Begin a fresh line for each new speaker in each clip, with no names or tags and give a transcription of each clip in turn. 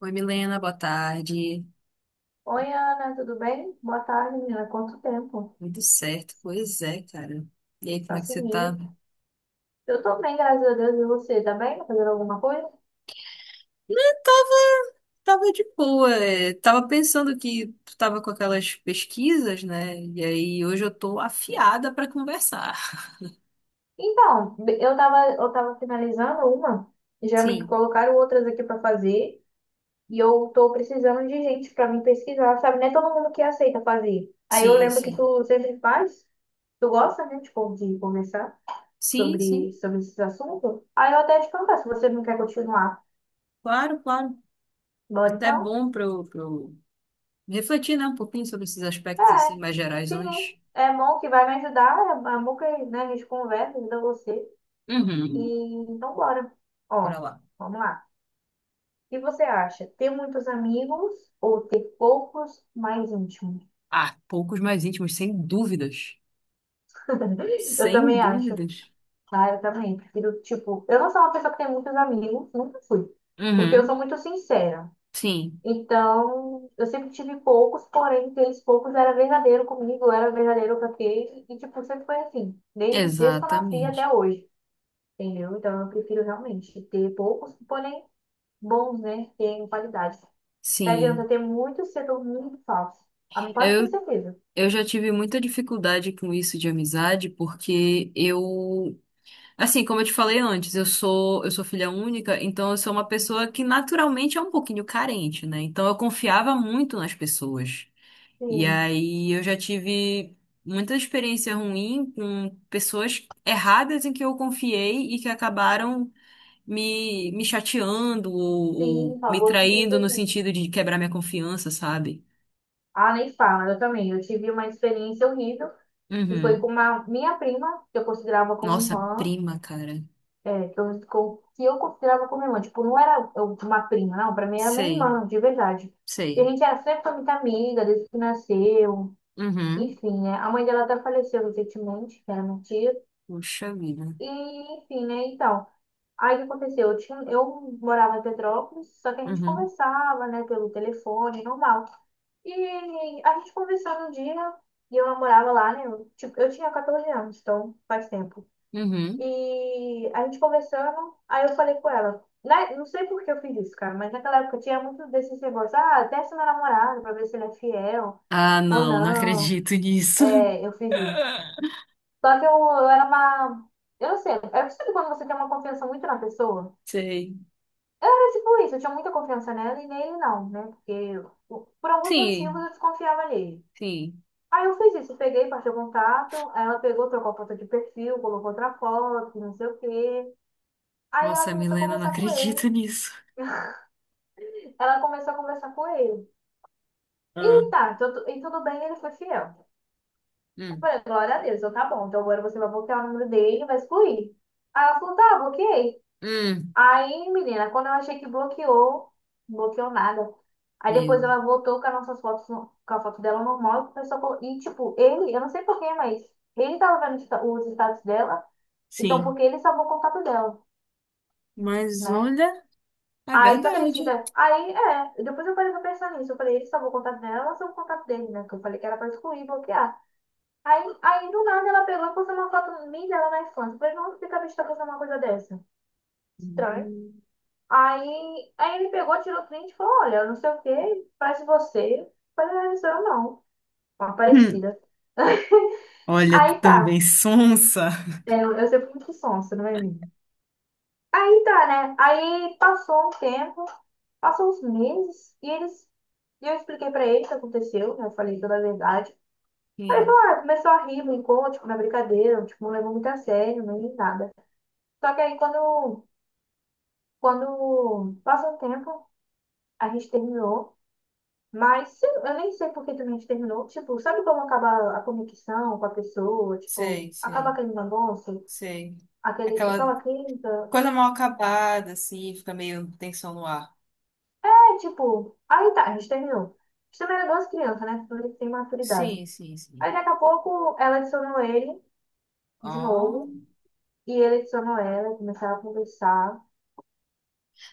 Oi, Milena, boa tarde.
Oi, Ana, tudo bem? Boa tarde, menina. Quanto tempo?
Tudo certo. Pois é, cara. E aí, como
Tá
é que você
sumida.
tá?
Eu tô bem, graças a Deus. E você, tá bem? Tá fazendo alguma coisa?
Tava de boa, é. Tava pensando que tu tava com aquelas pesquisas, né? E aí hoje eu tô afiada pra conversar.
Então, eu tava finalizando uma, já me
Sim,
colocaram outras aqui pra fazer, e eu tô precisando de gente pra me pesquisar, sabe? Não é todo mundo que aceita fazer. Aí eu
sim,
lembro que
sim.
tu sempre faz, tu gosta, né, tipo, de conversar
Sim, sim.
sobre esses assuntos. Aí eu até te perguntar se você não quer continuar.
Claro, claro.
Bora
Até
então?
bom pra eu refletir, né, um pouquinho sobre esses aspectos
É.
assim mais gerais.
Sim, né? É bom que vai me ajudar, a bom que, né, a gente conversa, ajuda você. E
Uhum.
então bora. Ó,
Bora lá.
vamos lá. O que você acha? Ter muitos amigos ou ter poucos mais íntimos?
Ah, poucos mais íntimos, sem dúvidas.
Eu
Sem
também acho.
dúvidas.
Ah, eu também. Prefiro, tipo, eu não sou uma pessoa que tem muitos amigos, nunca fui. Porque eu sou
Uhum.
muito sincera.
Sim.
Então, eu sempre tive poucos, porém, aqueles poucos era verdadeiro comigo, eu era verdadeiro com aquele. E, tipo, sempre foi assim. Desde que eu nasci
Exatamente.
até hoje. Entendeu? Então eu prefiro realmente ter poucos, porém bons, né? Tem qualidade. Não adianta
Sim,
ter muito setor muito falso. Ah, mas pode ter
eu,
certeza.
eu já tive muita dificuldade com isso de amizade, porque, como eu te falei antes, eu sou filha única, então eu sou uma pessoa que naturalmente é um pouquinho carente, né? Então eu confiava muito nas pessoas. E
Sim,
aí eu já tive muita experiência ruim com pessoas erradas em que eu confiei e que acabaram me chateando
sim, por
ou me
favor, com isso
traindo no
aqui.
sentido de quebrar minha confiança, sabe?
Ah, nem fala, eu também. Eu tive uma experiência horrível e foi com
Uhum.
uma minha prima, que eu considerava como
Nossa,
irmã,
prima, cara.
é, que eu considerava como irmã. Tipo, não era uma prima, não. Pra mim era minha
Sei,
irmã, de verdade. E a
sei.
gente era sempre foi muito amiga desde que nasceu.
Uhum.
Enfim, né? A mãe dela até faleceu recentemente, que era minha tia.
Puxa vida.
E, enfim, né? Então, aí o que aconteceu? Eu morava em Petrópolis, só que a gente
Uhum.
conversava, né, pelo telefone, normal. E a gente conversou um dia, e eu namorava lá, né? Eu, tipo, eu tinha 14 anos, então faz tempo.
Uhum.
E a gente conversando, aí eu falei com ela. Né? Não sei por que eu fiz isso, cara, mas naquela época tinha muito desses negócios. Ah, testa meu namorado pra ver se ele é fiel
Ah,
ou
não, não
não.
acredito nisso.
É, eu fiz isso. Só que eu era uma. Eu não sei, eu sabe quando você tem uma confiança muito na pessoa?
Sei.
Era tipo isso, eu tinha muita confiança nela e nele não, né? Porque eu, por alguns motivos
Sim,
eu desconfiava nele.
sim.
Aí eu fiz isso, peguei, passei o contato, aí ela pegou, trocou a foto de perfil, colocou outra foto, não sei o quê. Aí ela
Nossa,
começou a
Milena, não
conversar com ele,
acredito nisso.
ela começou a conversar com ele.
Ah.
E tá, tudo, e tudo bem, ele foi fiel. Eu
Hum.
falei, glória a Deus, eu, tá bom, então agora você vai bloquear o número dele, e vai excluir. Aí ela falou, tá, bloqueei.
Hum.
Aí, menina, quando eu achei que bloqueou, não bloqueou nada. Aí depois
Meu.
ela voltou com as nossas fotos, no, com a foto dela normal e começou a E, tipo, ele, eu não sei porquê, mas ele tava vendo os os status dela, então
Sim.
porque ele salvou o contato dela,
Mas
né?
olha, é
Aí, tu
verdade.
acredita? Aí, é, depois eu parei pra pensar nisso. Eu falei, ele salvou o contato dela, ela salvou o contato dele, né? Que eu falei que era pra excluir, bloquear. Aí do nada, ela pegou e postou uma foto minha e dela na infância. Eu falei, não, fica a bicha tá postando uma coisa dessa. Estranho.
Hum.
Aí ele pegou, tirou print e falou, olha, não sei o que, parece você. Eu falei, "Ah, não, isso eu não, uma
Hum.
parecida."
Olha, tu
Aí tá.
também sonsa.
É, eu sempre fui muito sonsa, não é mesmo? Aí tá, né? Aí passou um tempo, passou uns meses, E eu expliquei pra ele o que aconteceu, né? Eu falei toda a verdade.
Sim,
Ah, começou a rir, brincou, tipo, na brincadeira, tipo, não levou muito a sério, nem nada. Só que aí quando, passou um tempo, a gente terminou. Mas eu nem sei por que também a gente terminou. Tipo, sabe como acaba a conexão com a pessoa? Tipo,
sei,
acaba
sei,
aquele negócio,
sei.
aquele,
Aquela
aquela química.
coisa mal acabada, assim, fica meio tensão no ar.
É, tipo, aí tá, a gente terminou. A gente também era duas crianças, né? Tudo tem maturidade.
Sim, sim, sim.
Aí daqui a pouco ela adicionou ele de
Ó.
novo. E ele adicionou ela, começaram a conversar.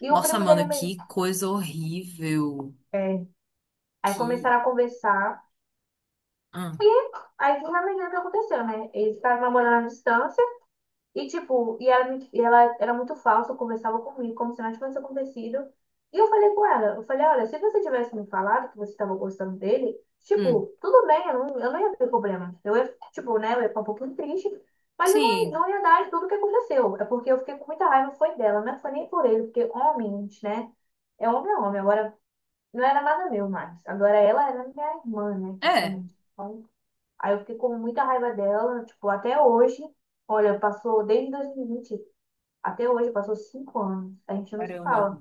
E o
Nossa,
primo dele
mano,
meio.
que coisa horrível.
É. Aí
Que.
começaram a conversar.
Hum.
Aí finalmente o que aconteceu, né? Eles estavam namorando à distância. E, tipo, e ela, e ela era muito falsa, conversava comigo como se nada tivesse acontecido. E eu falei com ela, eu falei, olha, se você tivesse me falado que você estava gostando dele, tipo,
Hum.
tudo bem, eu não ia ter problema. Eu ia, tipo, né, eu ia ficar um pouquinho triste, mas eu não, ia-
Sim,
não ia dar tudo o que aconteceu. É porque eu fiquei com muita raiva, foi dela, não foi nem por ele, porque homens, né, é homem é homem. Agora, não era nada meu mais. Agora ela era minha irmã, né,
é.
praticamente. Então, aí eu fiquei com muita raiva dela, tipo, até hoje. Olha, passou desde 2020, até hoje, passou 5 anos. A gente não se
Caramba.
fala.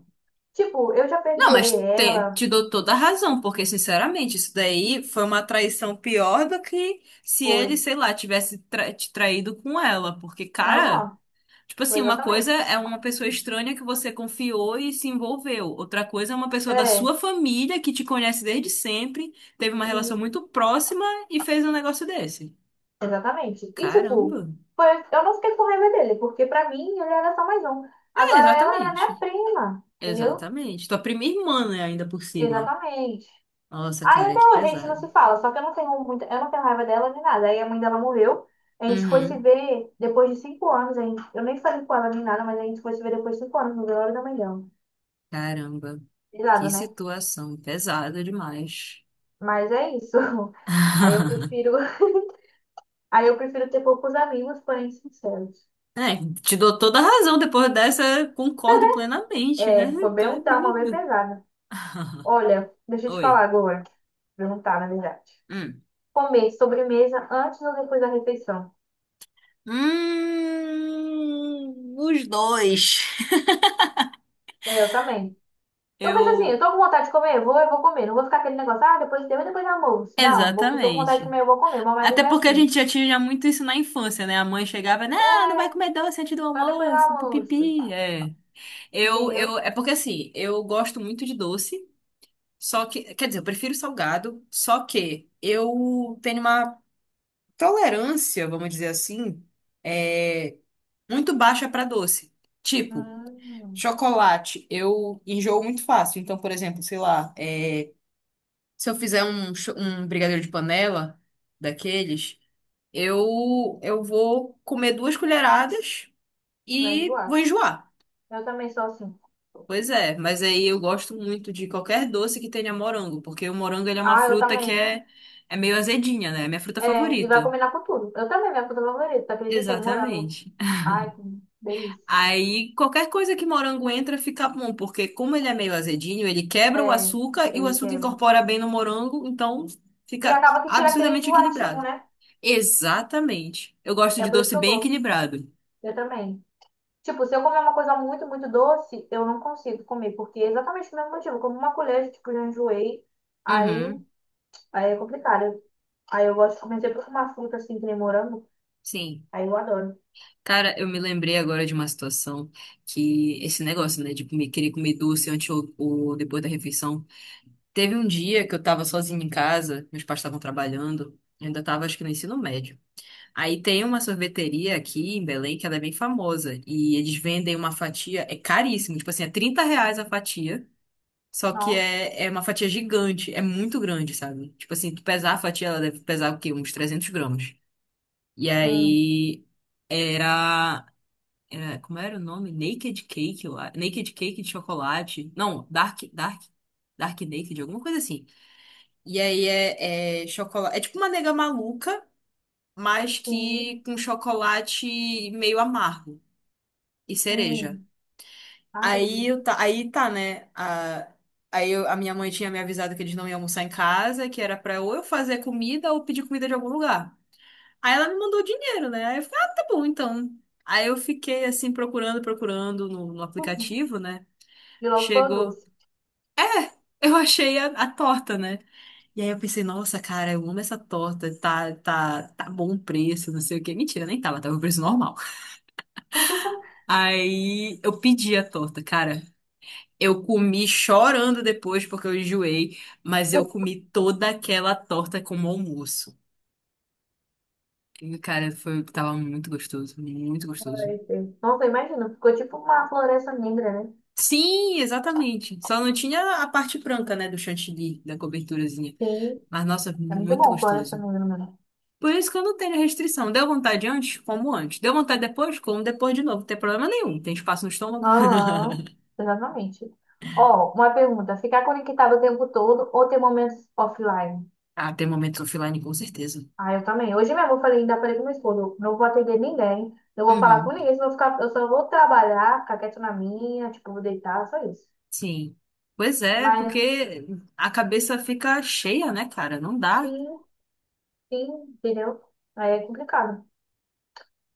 Tipo, eu já
Não,
perdoei
mas te,
ela,
te dou toda a razão, porque, sinceramente, isso daí foi uma traição pior do que se ele,
foi.
sei lá, tivesse te traído com ela. Porque, cara.
Aham,
Tipo
foi
assim, uma coisa
exatamente.
é uma pessoa estranha que você confiou e se envolveu. Outra coisa é uma pessoa da
É,
sua família que te conhece desde sempre, teve uma
hum,
relação muito próxima e fez um negócio desse.
exatamente. E tipo,
Caramba.
foi, eu não fiquei com raiva dele, porque pra mim ele era só mais um.
É,
Agora ela era minha
exatamente.
prima, entendeu?
Exatamente. Tua prima irmã, né, ainda por cima.
Exatamente.
Nossa,
Aí
cara,
até
que
hoje a gente não
pesado.
se fala, só que eu não tenho muita, eu não tenho raiva dela nem nada. Aí a mãe dela morreu, a gente foi se
Uhum.
ver depois de 5 anos, a gente, eu nem falei com ela nem nada, mas a gente foi se ver depois de 5 anos, no velório da mãe dela.
Caramba.
De
Que
lado, né?
situação pesada demais.
Mas é isso. Aí eu prefiro, aí eu prefiro ter poucos amigos, porém sinceros.
É, te dou toda a razão depois dessa, concordo plenamente, né?
É, foi
Tu
bem
é
um trauma bem
doido.
pesado. Olha, deixa eu te
Oi.
falar agora. Perguntar, na verdade.
Hum.
Comer sobremesa antes ou depois da refeição?
Os dois.
É, eu também. Eu penso assim, eu
Eu.
tô com vontade de comer, eu vou comer. Não vou ficar aquele negócio, ah, depois deu e depois do almoço. Não, vou, tô com vontade de
Exatamente.
comer, eu vou comer. Meu
Até
marido é
porque a
assim,
gente já tinha muito isso na infância, né? A mãe chegava, não, não
é,
vai comer doce antes do
só depois do
almoço,
almoço.
pipi. É.
Entendeu?
É porque assim, eu gosto muito de doce, só que, quer dizer, eu prefiro salgado, só que eu tenho uma tolerância, vamos dizer assim, é, muito baixa para doce. Tipo,
Hum,
chocolate, eu enjoo muito fácil. Então, por exemplo, sei lá, é, se eu fizer um brigadeiro de panela daqueles, eu vou comer duas colheradas
vai
e vou
enjoar.
enjoar.
Eu também sou assim.
Pois é, mas aí eu gosto muito de qualquer doce que tenha morango, porque o morango ele é uma
Ah, eu
fruta que
também.
é, é meio azedinha, né? É minha fruta
É, e vai
favorita.
combinar com tudo. Eu também, minha fruta favorita, tu acredita? É morango.
Exatamente.
Ai, que delícia.
Aí qualquer coisa que morango entra fica bom, porque como ele é meio azedinho, ele quebra o
É,
açúcar e o
ele
açúcar
quebra.
incorpora bem no morango, então
E
fica
acaba que tira aquele
absurdamente
enjoativo,
equilibrado.
né?
Exatamente. Eu gosto
É
de
por isso
doce
que eu
bem
gosto.
equilibrado.
Eu também. Tipo, se eu comer uma coisa muito, muito doce, eu não consigo comer, porque é exatamente o mesmo motivo. Eu como uma colher, tipo, já enjoei, aí,
Uhum,
aí é complicado. Aí eu gosto, comecei por uma fruta assim, que nem morango,
sim.
aí eu adoro.
Cara, eu me lembrei agora de uma situação que esse negócio, né, de comer, querer comer doce antes ou depois da refeição. Teve um dia que eu tava sozinha em casa, meus pais estavam trabalhando, eu ainda tava acho que no ensino médio. Aí tem uma sorveteria aqui em Belém que ela é bem famosa. E eles vendem uma fatia, é caríssimo, tipo assim, é R$ 30 a fatia. Só que
Nossa,
é, é uma fatia gigante, é muito grande, sabe? Tipo assim, tu pesar a fatia, ela deve pesar o quê? Uns 300 gramas. E
hum,
aí era, como era o nome? Naked Cake, eu acho. Naked Cake de chocolate. Não, Dark. Dark. Dark Naked, alguma coisa assim. E aí é, é chocolate. É tipo uma nega maluca mas
sim,
que com chocolate meio amargo e cereja.
hum, ai, que
Aí,
delícia.
eu tá, aí tá, né? A, aí eu- A minha mãe tinha me avisado que eles não iam almoçar em casa, que era pra ou eu fazer comida ou pedir comida de algum lugar. Aí ela me mandou dinheiro, né? Aí eu falei, ah, tá bom, então. Aí eu fiquei assim procurando, procurando no aplicativo, né?
E logo foi o
Chegou.
doce.
Eu achei a torta, né? E aí eu pensei, nossa, cara, eu amo essa torta, tá bom o preço, não sei o quê. Mentira, nem tava, tava o preço normal. Aí eu pedi a torta, cara. Eu comi chorando depois porque eu enjoei, mas eu comi toda aquela torta como almoço. E, cara, foi, tava muito gostoso, muito gostoso.
Ai, sim. Nossa, imagina, ficou tipo uma floresta negra, né?
Sim, exatamente. Só não tinha a parte branca, né, do chantilly, da coberturazinha.
Sim,
Mas, nossa,
é muito
muito
bom floresta
gostoso.
negra, né?
Por isso que eu não tenho restrição. Deu vontade antes? Como antes. Deu vontade depois? Como depois de novo. Não tem problema nenhum. Tem espaço no estômago?
Aham, exatamente. Ó, uma pergunta. Ficar conectado o tempo todo ou ter momentos offline?
Ah, tem momentos offline, com certeza.
Ah, eu também. Hoje mesmo eu falei, ainda falei com meu esposo, não vou atender ninguém, não vou falar com
Uhum.
ninguém, senão eu, vou ficar, eu só vou trabalhar, ficar quieto na minha, tipo, vou deitar, só isso.
Sim. Pois é,
Mas
porque a cabeça fica cheia, né, cara? Não dá.
sim, sim, entendeu? Aí é complicado.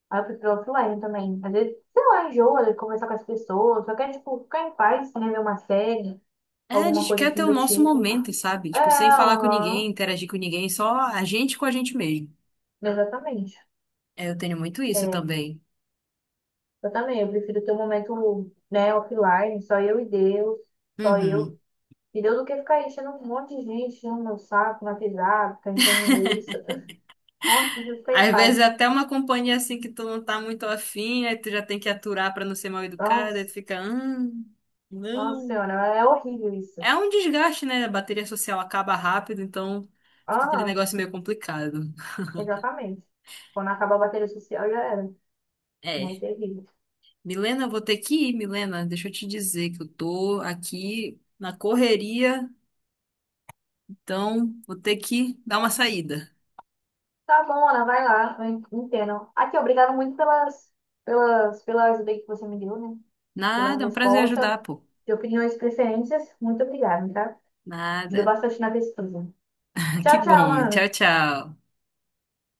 Aí eu prefiro offline também. Às vezes, sei lá, enjoa de conversar com as pessoas, só quer, tipo, ficar em paz, né, ver uma série,
É, a
alguma
gente
coisa
quer ter
assim
o
do
nosso
tipo.
momento, sabe?
É,
Tipo, sem falar com ninguém,
aham,
interagir com ninguém, só a gente com a gente mesmo.
exatamente.
É, eu tenho muito isso
É,
também.
eu também, eu prefiro ter um momento, né, offline, só eu e Deus, só eu
Uhum.
e Deus, do que ficar enchendo um monte de gente, enchendo meu saco, na pisada, ficar enchendo linguiça. Eu, nossa, eu fiquei em
Às vezes é
paz.
até uma companhia assim que tu não tá muito afim, aí tu já tem que aturar pra não ser mal educada, aí
Nossa,
tu fica,
nossa
não.
senhora, é horrível isso.
É um desgaste, né? A bateria social acaba rápido, então fica aquele
Aham,
negócio meio complicado.
exatamente. Quando acabar a bateria social, já era, né, é
É.
terrível.
Milena, eu vou ter que ir, Milena. Deixa eu te dizer que eu tô aqui na correria, então vou ter que dar uma saída.
Tá bom, Ana, vai lá, eu entendo. Aqui, obrigado muito pela ajuda que você me deu, né, pela
Nada, é um prazer
resposta,
ajudar, pô.
de opiniões e preferências. Muito obrigada, tá? Ajuda
Nada.
bastante na pesquisa.
Que
Tchau, tchau,
bom. Tchau,
Ana.
tchau.